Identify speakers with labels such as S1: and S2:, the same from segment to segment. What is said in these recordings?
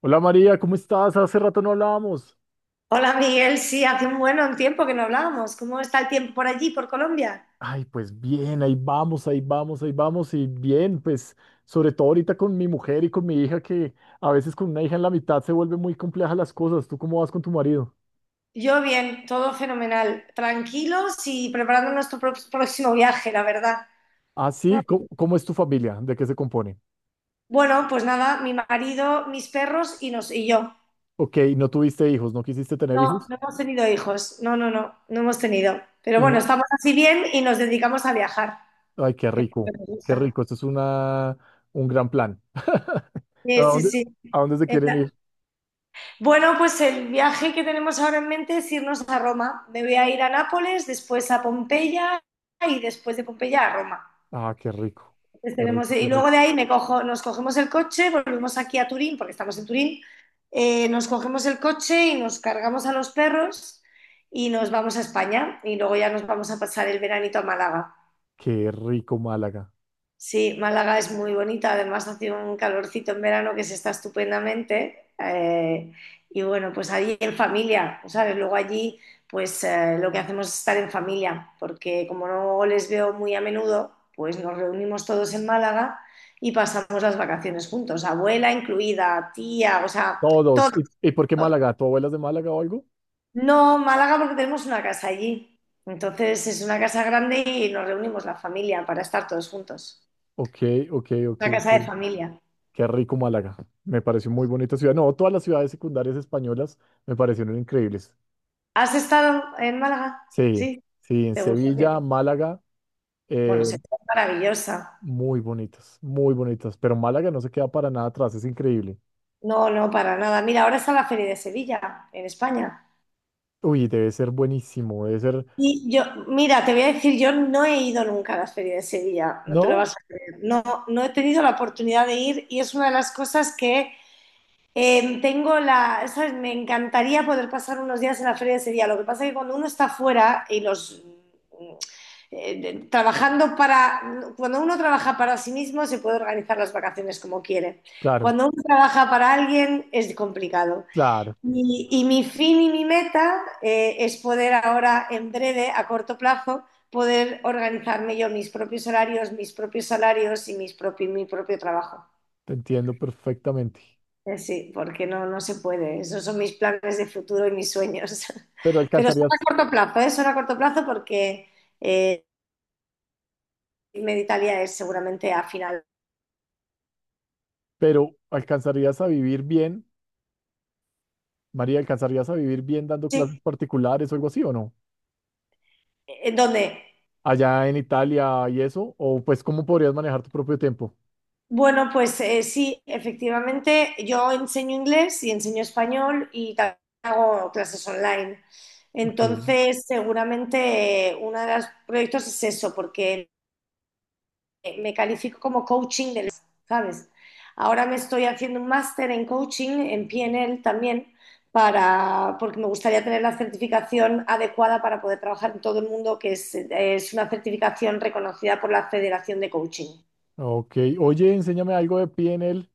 S1: Hola María, ¿cómo estás? Hace rato no hablábamos.
S2: Hola Miguel, sí, hace un buen tiempo que no hablábamos. ¿Cómo está el tiempo por allí, por Colombia?
S1: Ay, pues bien, ahí vamos, ahí vamos, ahí vamos y bien, pues sobre todo ahorita con mi mujer y con mi hija que a veces con una hija en la mitad se vuelven muy complejas las cosas. ¿Tú cómo vas con tu marido?
S2: Yo bien, todo fenomenal. Tranquilos y preparando nuestro próximo viaje, la verdad.
S1: Ah, sí, ¿cómo es tu familia? ¿De qué se compone?
S2: Bueno, pues nada, mi marido, mis perros y, y yo.
S1: Ok, no tuviste hijos, no quisiste tener
S2: No,
S1: hijos
S2: no hemos tenido hijos. No, no, no, no hemos tenido. Pero
S1: y
S2: bueno,
S1: no.
S2: estamos así bien y nos dedicamos a viajar,
S1: Ay,
S2: que es lo que nos
S1: qué
S2: gusta.
S1: rico, esto es un gran plan. ¿A
S2: Sí, sí,
S1: dónde,
S2: sí.
S1: a dónde se quieren ir?
S2: Bueno, pues el viaje que tenemos ahora en mente es irnos a Roma. Me voy a ir a Nápoles, después a Pompeya y después de Pompeya a Roma.
S1: Ah, qué rico,
S2: Entonces
S1: qué
S2: tenemos,
S1: rico, qué
S2: y
S1: rico,
S2: luego de ahí me cojo, nos cogemos el coche, volvemos aquí a Turín, porque estamos en Turín. Nos cogemos el coche y nos cargamos a los perros y nos vamos a España y luego ya nos vamos a pasar el veranito a Málaga.
S1: qué rico Málaga.
S2: Sí, Málaga es muy bonita, además hace un calorcito en verano que se está estupendamente. Y bueno, pues allí en familia, ¿sabes? Luego allí, pues lo que hacemos es estar en familia, porque como no les veo muy a menudo, pues nos reunimos todos en Málaga y pasamos las vacaciones juntos, abuela incluida, tía, o sea,
S1: Todos.
S2: todo.
S1: ¿Y por qué Málaga? ¿Tu abuela es de Málaga o algo?
S2: No, Málaga porque tenemos una casa allí. Entonces es una casa grande y nos reunimos la familia para estar todos juntos.
S1: Ok, ok, ok,
S2: Una casa
S1: ok.
S2: de familia.
S1: Qué rico Málaga. Me pareció muy bonita ciudad. No, todas las ciudades secundarias españolas me parecieron increíbles.
S2: ¿Has estado en Málaga?
S1: Sí,
S2: Sí,
S1: sí, en
S2: te gusta. Bien.
S1: Sevilla, Málaga,
S2: Bueno,
S1: eh,
S2: se es maravillosa.
S1: muy bonitas, muy bonitas. Pero Málaga no se queda para nada atrás, es increíble.
S2: No, no, para nada. Mira, ahora está la Feria de Sevilla, en España.
S1: Uy, debe ser buenísimo, debe ser.
S2: Y yo, mira, te voy a decir, yo no he ido nunca a la Feria de Sevilla, no te lo
S1: ¿No?
S2: vas a creer. No, no he tenido la oportunidad de ir y es una de las cosas que... tengo la, ¿sabes? Me encantaría poder pasar unos días en la feria de Sevilla. Lo que pasa es que cuando uno está fuera y los trabajando para, cuando uno trabaja para sí mismo se puede organizar las vacaciones como quiere.
S1: Claro,
S2: Cuando uno trabaja para alguien es complicado.
S1: claro,
S2: Y mi fin y mi meta es poder ahora, en breve, a corto plazo, poder organizarme yo mis propios horarios, mis propios salarios y mi propio trabajo.
S1: te entiendo perfectamente.
S2: Sí, porque no, no se puede. Esos son mis planes de futuro y mis sueños.
S1: Pero
S2: Pero son a
S1: alcanzarías,
S2: corto plazo, ¿eh? Son a corto plazo porque eh, irme de Italia es seguramente a final.
S1: pero alcanzarías a vivir bien. María, ¿alcanzarías a vivir bien dando clases
S2: Sí,
S1: particulares o algo así o no?
S2: ¿en dónde?
S1: Allá en Italia y eso, o pues cómo podrías manejar tu propio tiempo.
S2: Bueno, pues sí, efectivamente, yo enseño inglés y enseño español y también hago clases online.
S1: Ok,
S2: Entonces, seguramente uno de los proyectos es eso, porque me califico como coaching del, ¿sabes? Ahora me estoy haciendo un máster en coaching, en PNL también, para, porque me gustaría tener la certificación adecuada para poder trabajar en todo el mundo, que es una certificación reconocida por la Federación de Coaching.
S1: ok. Oye, enséñame algo de PNL.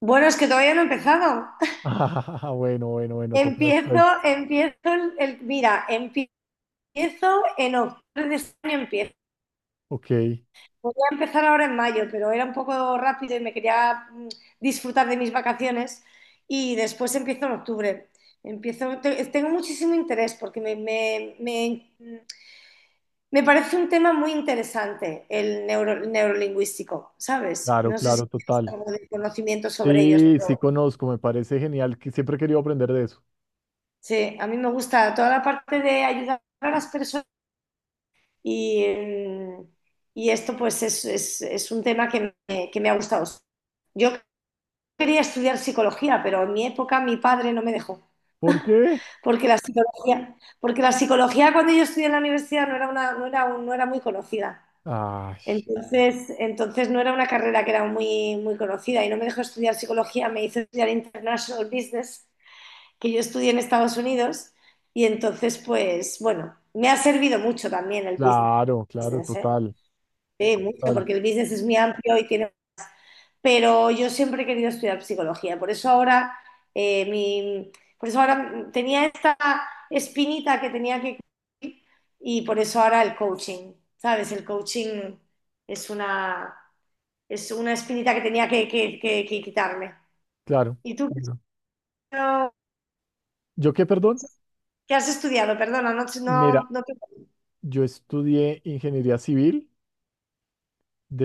S2: Bueno, es que todavía no he empezado.
S1: Ah, bueno, bueno, bueno, toca después.
S2: Empiezo, empiezo, mira, empiezo en octubre de este año, empiezo...
S1: Ok,
S2: Voy a empezar ahora en mayo, pero era un poco rápido y me quería disfrutar de mis vacaciones y después empiezo en octubre. Empiezo, tengo muchísimo interés porque me parece un tema muy interesante el neurolingüístico, ¿sabes?
S1: claro,
S2: No sé si
S1: claro,
S2: tienes
S1: total.
S2: algo de conocimiento sobre ellos,
S1: Sí,
S2: pero
S1: sí conozco, me parece genial, que siempre he querido aprender de eso.
S2: sí, a mí me gusta toda la parte de ayudar a las personas y, y esto pues es un tema que que me ha gustado. Yo quería estudiar psicología, pero en mi época mi padre no me dejó,
S1: ¿Por qué?
S2: porque la psicología cuando yo estudié en la universidad no era una, no era muy conocida.
S1: Ay,
S2: Entonces no era una carrera que era muy, muy conocida y no me dejó estudiar psicología, me hizo estudiar International Business, que yo estudié en Estados Unidos y entonces pues bueno, me ha servido mucho también el
S1: claro, claro,
S2: business, ¿eh?
S1: total,
S2: Sí, mucho,
S1: total,
S2: porque el business es muy amplio y tiene... Pero yo siempre he querido estudiar psicología, por eso ahora, eh, mi, por eso ahora tenía esta espinita que tenía que cubrir y por eso ahora el coaching, ¿sabes? El coaching es una, es una espinita que tenía que, que quitarme.
S1: claro,
S2: ¿Y tú qué has
S1: claro.
S2: estudiado?
S1: ¿Yo qué, perdón?
S2: ¿Qué has estudiado? Perdona,
S1: Mira,
S2: no, te...
S1: yo estudié ingeniería civil.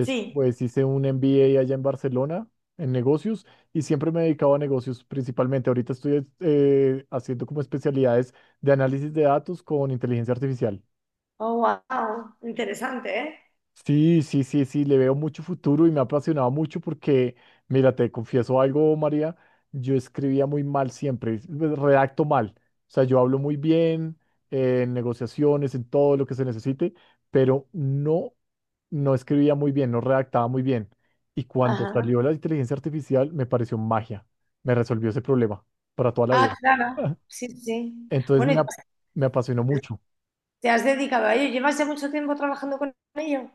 S2: Sí.
S1: hice un MBA allá en Barcelona en negocios y siempre me dedicaba a negocios principalmente. Ahorita estoy haciendo como especialidades de análisis de datos con inteligencia artificial.
S2: Oh, wow. Interesante, ¿eh?
S1: Sí, sí, sí, sí, le veo mucho futuro y me ha apasionado mucho porque, mira, te confieso algo, María, yo escribía muy mal siempre, pues, redacto mal, o sea, yo hablo muy bien en negociaciones, en todo lo que se necesite, pero no, no escribía muy bien, no redactaba muy bien. Y cuando
S2: Ajá.
S1: salió la inteligencia artificial, me pareció magia, me resolvió ese problema para toda la vida.
S2: Ah, claro. Sí, sí.
S1: Entonces
S2: Bueno, y
S1: me,
S2: tú
S1: ap- me apasionó mucho.
S2: te has dedicado a ello. ¿Llevas ya mucho tiempo trabajando con ello?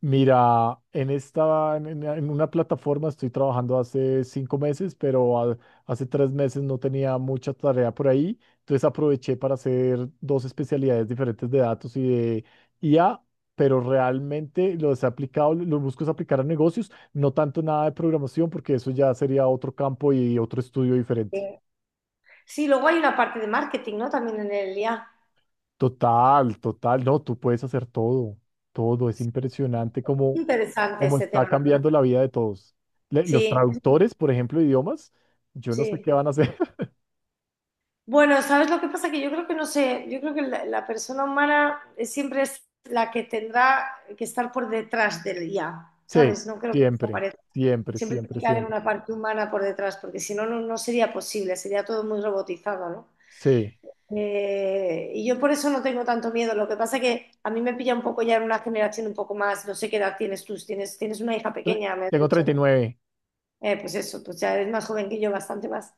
S1: Mira, en esta, en una plataforma estoy trabajando hace 5 meses, pero hace 3 meses no tenía mucha tarea por ahí, entonces aproveché para hacer dos especialidades diferentes de datos y de IA, pero realmente los he aplicado, los busco es aplicar a negocios, no tanto nada de programación, porque eso ya sería otro campo y otro estudio
S2: Sí.
S1: diferente.
S2: Sí, luego hay una parte de marketing, ¿no? También en el IA.
S1: Total, total, no, tú puedes hacer todo, todo, es impresionante cómo,
S2: Interesante
S1: cómo
S2: ese
S1: está
S2: tema, la verdad.
S1: cambiando la vida de todos. Los
S2: Sí,
S1: traductores, por ejemplo, de idiomas, yo no sé
S2: sí.
S1: qué van a hacer.
S2: Bueno, ¿sabes lo que pasa? Que yo creo que no sé, yo creo que la persona humana siempre es la que tendrá que estar por detrás del IA,
S1: Sí,
S2: ¿sabes? No creo que
S1: siempre,
S2: desaparezca.
S1: siempre,
S2: Siempre
S1: siempre,
S2: tiene que haber
S1: siempre.
S2: una parte humana por detrás, porque si no, no, no sería posible, sería todo muy robotizado, ¿no?
S1: Sí,
S2: Y yo por eso no tengo tanto miedo. Lo que pasa que a mí me pilla un poco ya en una generación un poco más, no sé qué edad tienes tú, si tienes, tienes una hija
S1: Tre-
S2: pequeña, me has
S1: tengo
S2: dicho,
S1: treinta y
S2: ¿no?
S1: nueve.
S2: Pues eso, pues ya eres más joven que yo, bastante más.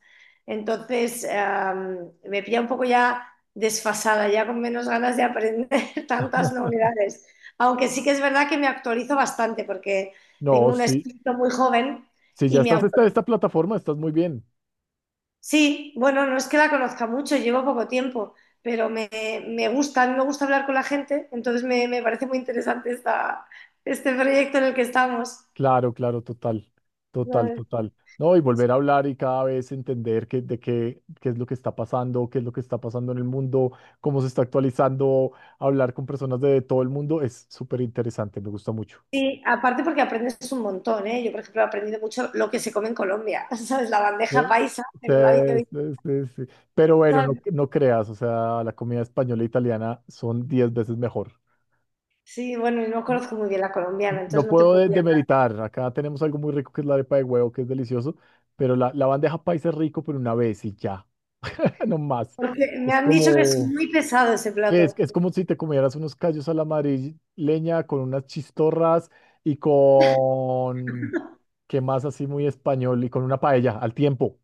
S2: Entonces, me pilla un poco ya desfasada, ya con menos ganas de aprender tantas novedades. Aunque sí que es verdad que me actualizo bastante porque
S1: No,
S2: tengo un
S1: sí,
S2: espíritu muy joven
S1: si ya
S2: y me,
S1: estás en
S2: au-
S1: esta plataforma, estás muy bien.
S2: Sí, bueno, no es que la conozca mucho, llevo poco tiempo, pero me gusta, a mí me gusta hablar con la gente, entonces me parece muy interesante este proyecto en el que estamos.
S1: Claro, claro, total, total,
S2: ¿Sabes?
S1: total. No, y volver a hablar y cada vez entender qué es lo que está pasando, qué es lo que está pasando en el mundo, cómo se está actualizando, hablar con personas de todo el mundo es súper interesante, me gusta mucho.
S2: Sí, aparte porque aprendes un montón, ¿eh? Yo, por ejemplo, he aprendido mucho lo que se come en Colombia, ¿sabes? La bandeja
S1: Eh,
S2: paisa, que
S1: Sí,
S2: no la había visto,
S1: sí, sí, sí. Pero bueno, no,
S2: ¿sabes?
S1: no creas, o sea, la comida española e italiana son 10 veces mejor.
S2: Sí, bueno, y no
S1: No
S2: conozco muy bien la colombiana,
S1: no
S2: entonces no te
S1: puedo
S2: podía.
S1: demeritar, acá tenemos algo muy rico que es la arepa de huevo, que es delicioso, pero la bandeja paisa es rico, pero una vez y ya. No más.
S2: Porque me
S1: Es
S2: han dicho que es
S1: como,
S2: muy pesado ese plato.
S1: es como si te comieras unos callos a la madrileña con unas chistorras y ¿qué más así muy español? Y con una paella al tiempo.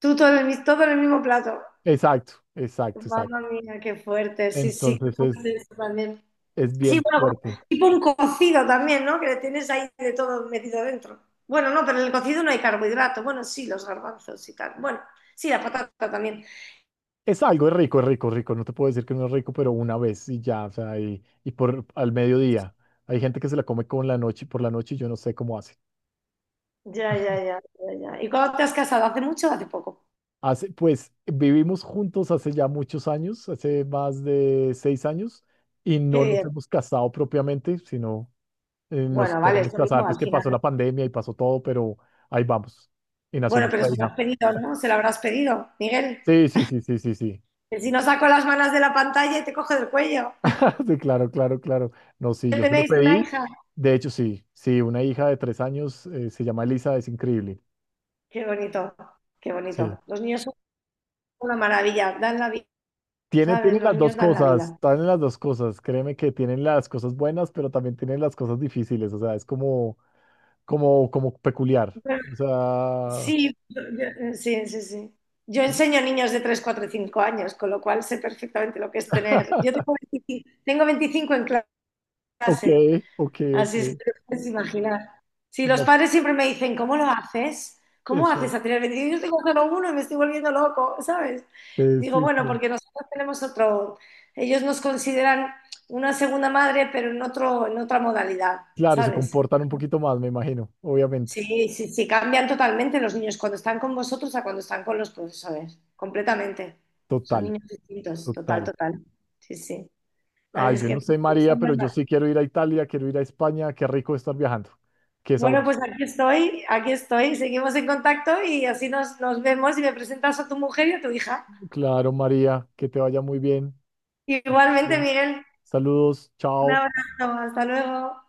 S2: Tú todo en todo en el mismo plato.
S1: Exacto, exacto, exacto.
S2: Mamma mía, qué fuerte, sí, sí, qué
S1: Entonces es,
S2: fuerte eso también.
S1: es
S2: Sí,
S1: bien
S2: bueno,
S1: fuerte.
S2: como tipo un cocido también, ¿no? Que le tienes ahí de todo metido dentro. Bueno, no, pero en el cocido no hay carbohidrato. Bueno, sí, los garbanzos y tal. Bueno, sí, la patata también.
S1: Es algo, es rico, rico. No te puedo decir que no es rico, pero una vez y ya, o sea, y por al mediodía. Hay gente que se la come con la noche, por la noche y yo no sé cómo hace.
S2: Ya, ya, ya, ya, ya. ¿Y cuándo te has casado? ¿Hace mucho o hace poco?
S1: Pues vivimos juntos hace ya muchos años, hace más de 6 años, y
S2: Qué
S1: no nos
S2: bien.
S1: hemos casado propiamente, sino nos
S2: Bueno, vale, es
S1: queremos
S2: lo
S1: casar,
S2: mismo
S1: pues
S2: al
S1: que
S2: final.
S1: pasó la pandemia y pasó todo, pero ahí vamos. Y nació
S2: Bueno, pero
S1: nuestra
S2: se lo
S1: hija.
S2: has pedido, ¿no? Se lo habrás pedido, Miguel.
S1: Sí, sí, sí, sí, sí, sí.
S2: Que si no saco las manos de la pantalla y te coge del cuello.
S1: Sí, claro, claro, claro. No, sí,
S2: Que
S1: yo se lo
S2: tenéis una
S1: pedí.
S2: hija.
S1: De hecho, sí, sí, una hija de 3 años, se llama Elisa, es increíble.
S2: Qué bonito, qué
S1: Sí.
S2: bonito. Los niños son una maravilla, dan la vida,
S1: Tiene,
S2: ¿sabes?
S1: tiene
S2: Los
S1: las
S2: niños
S1: dos
S2: dan la
S1: cosas,
S2: vida.
S1: tienen las dos cosas. Créeme que tienen las cosas buenas, pero también tienen las cosas difíciles. O sea, es como peculiar. O sea,
S2: Sí, sí, sí, sí. Yo enseño a niños de 3, 4 y 5 años, con lo cual sé perfectamente lo que es tener. Yo tengo 25 Tengo 25 en
S1: ok,
S2: clase,
S1: ok, ok.
S2: así es que te puedes imaginar. Sí, los
S1: No,
S2: padres siempre me dicen, ¿cómo lo haces? ¿Cómo haces a
S1: exacto.
S2: tener veinticinco? Yo tengo solo uno y me estoy volviendo loco, ¿sabes? Digo,
S1: Sí,
S2: bueno,
S1: sí.
S2: porque nosotros tenemos otro, ellos nos consideran una segunda madre, pero en otra modalidad,
S1: Claro, se
S2: ¿sabes?
S1: comportan un poquito más, me imagino, obviamente.
S2: Sí, sí, sí, cambian totalmente los niños cuando están con vosotros a cuando están con los profesores, completamente. Son
S1: Total,
S2: niños distintos, total,
S1: total.
S2: total. Sí, sí. Así
S1: Ay,
S2: es
S1: yo
S2: que
S1: no
S2: eso
S1: sé, María,
S2: es
S1: pero yo
S2: verdad.
S1: sí quiero ir a Italia, quiero ir a España. Qué rico estar viajando. Qué
S2: Bueno, pues
S1: sabroso.
S2: aquí estoy, seguimos en contacto y así nos vemos y me presentas a tu mujer y a tu hija.
S1: Claro, María, que te vaya muy bien.
S2: Igualmente, Miguel,
S1: Saludos,
S2: un
S1: chao.
S2: abrazo, hasta luego.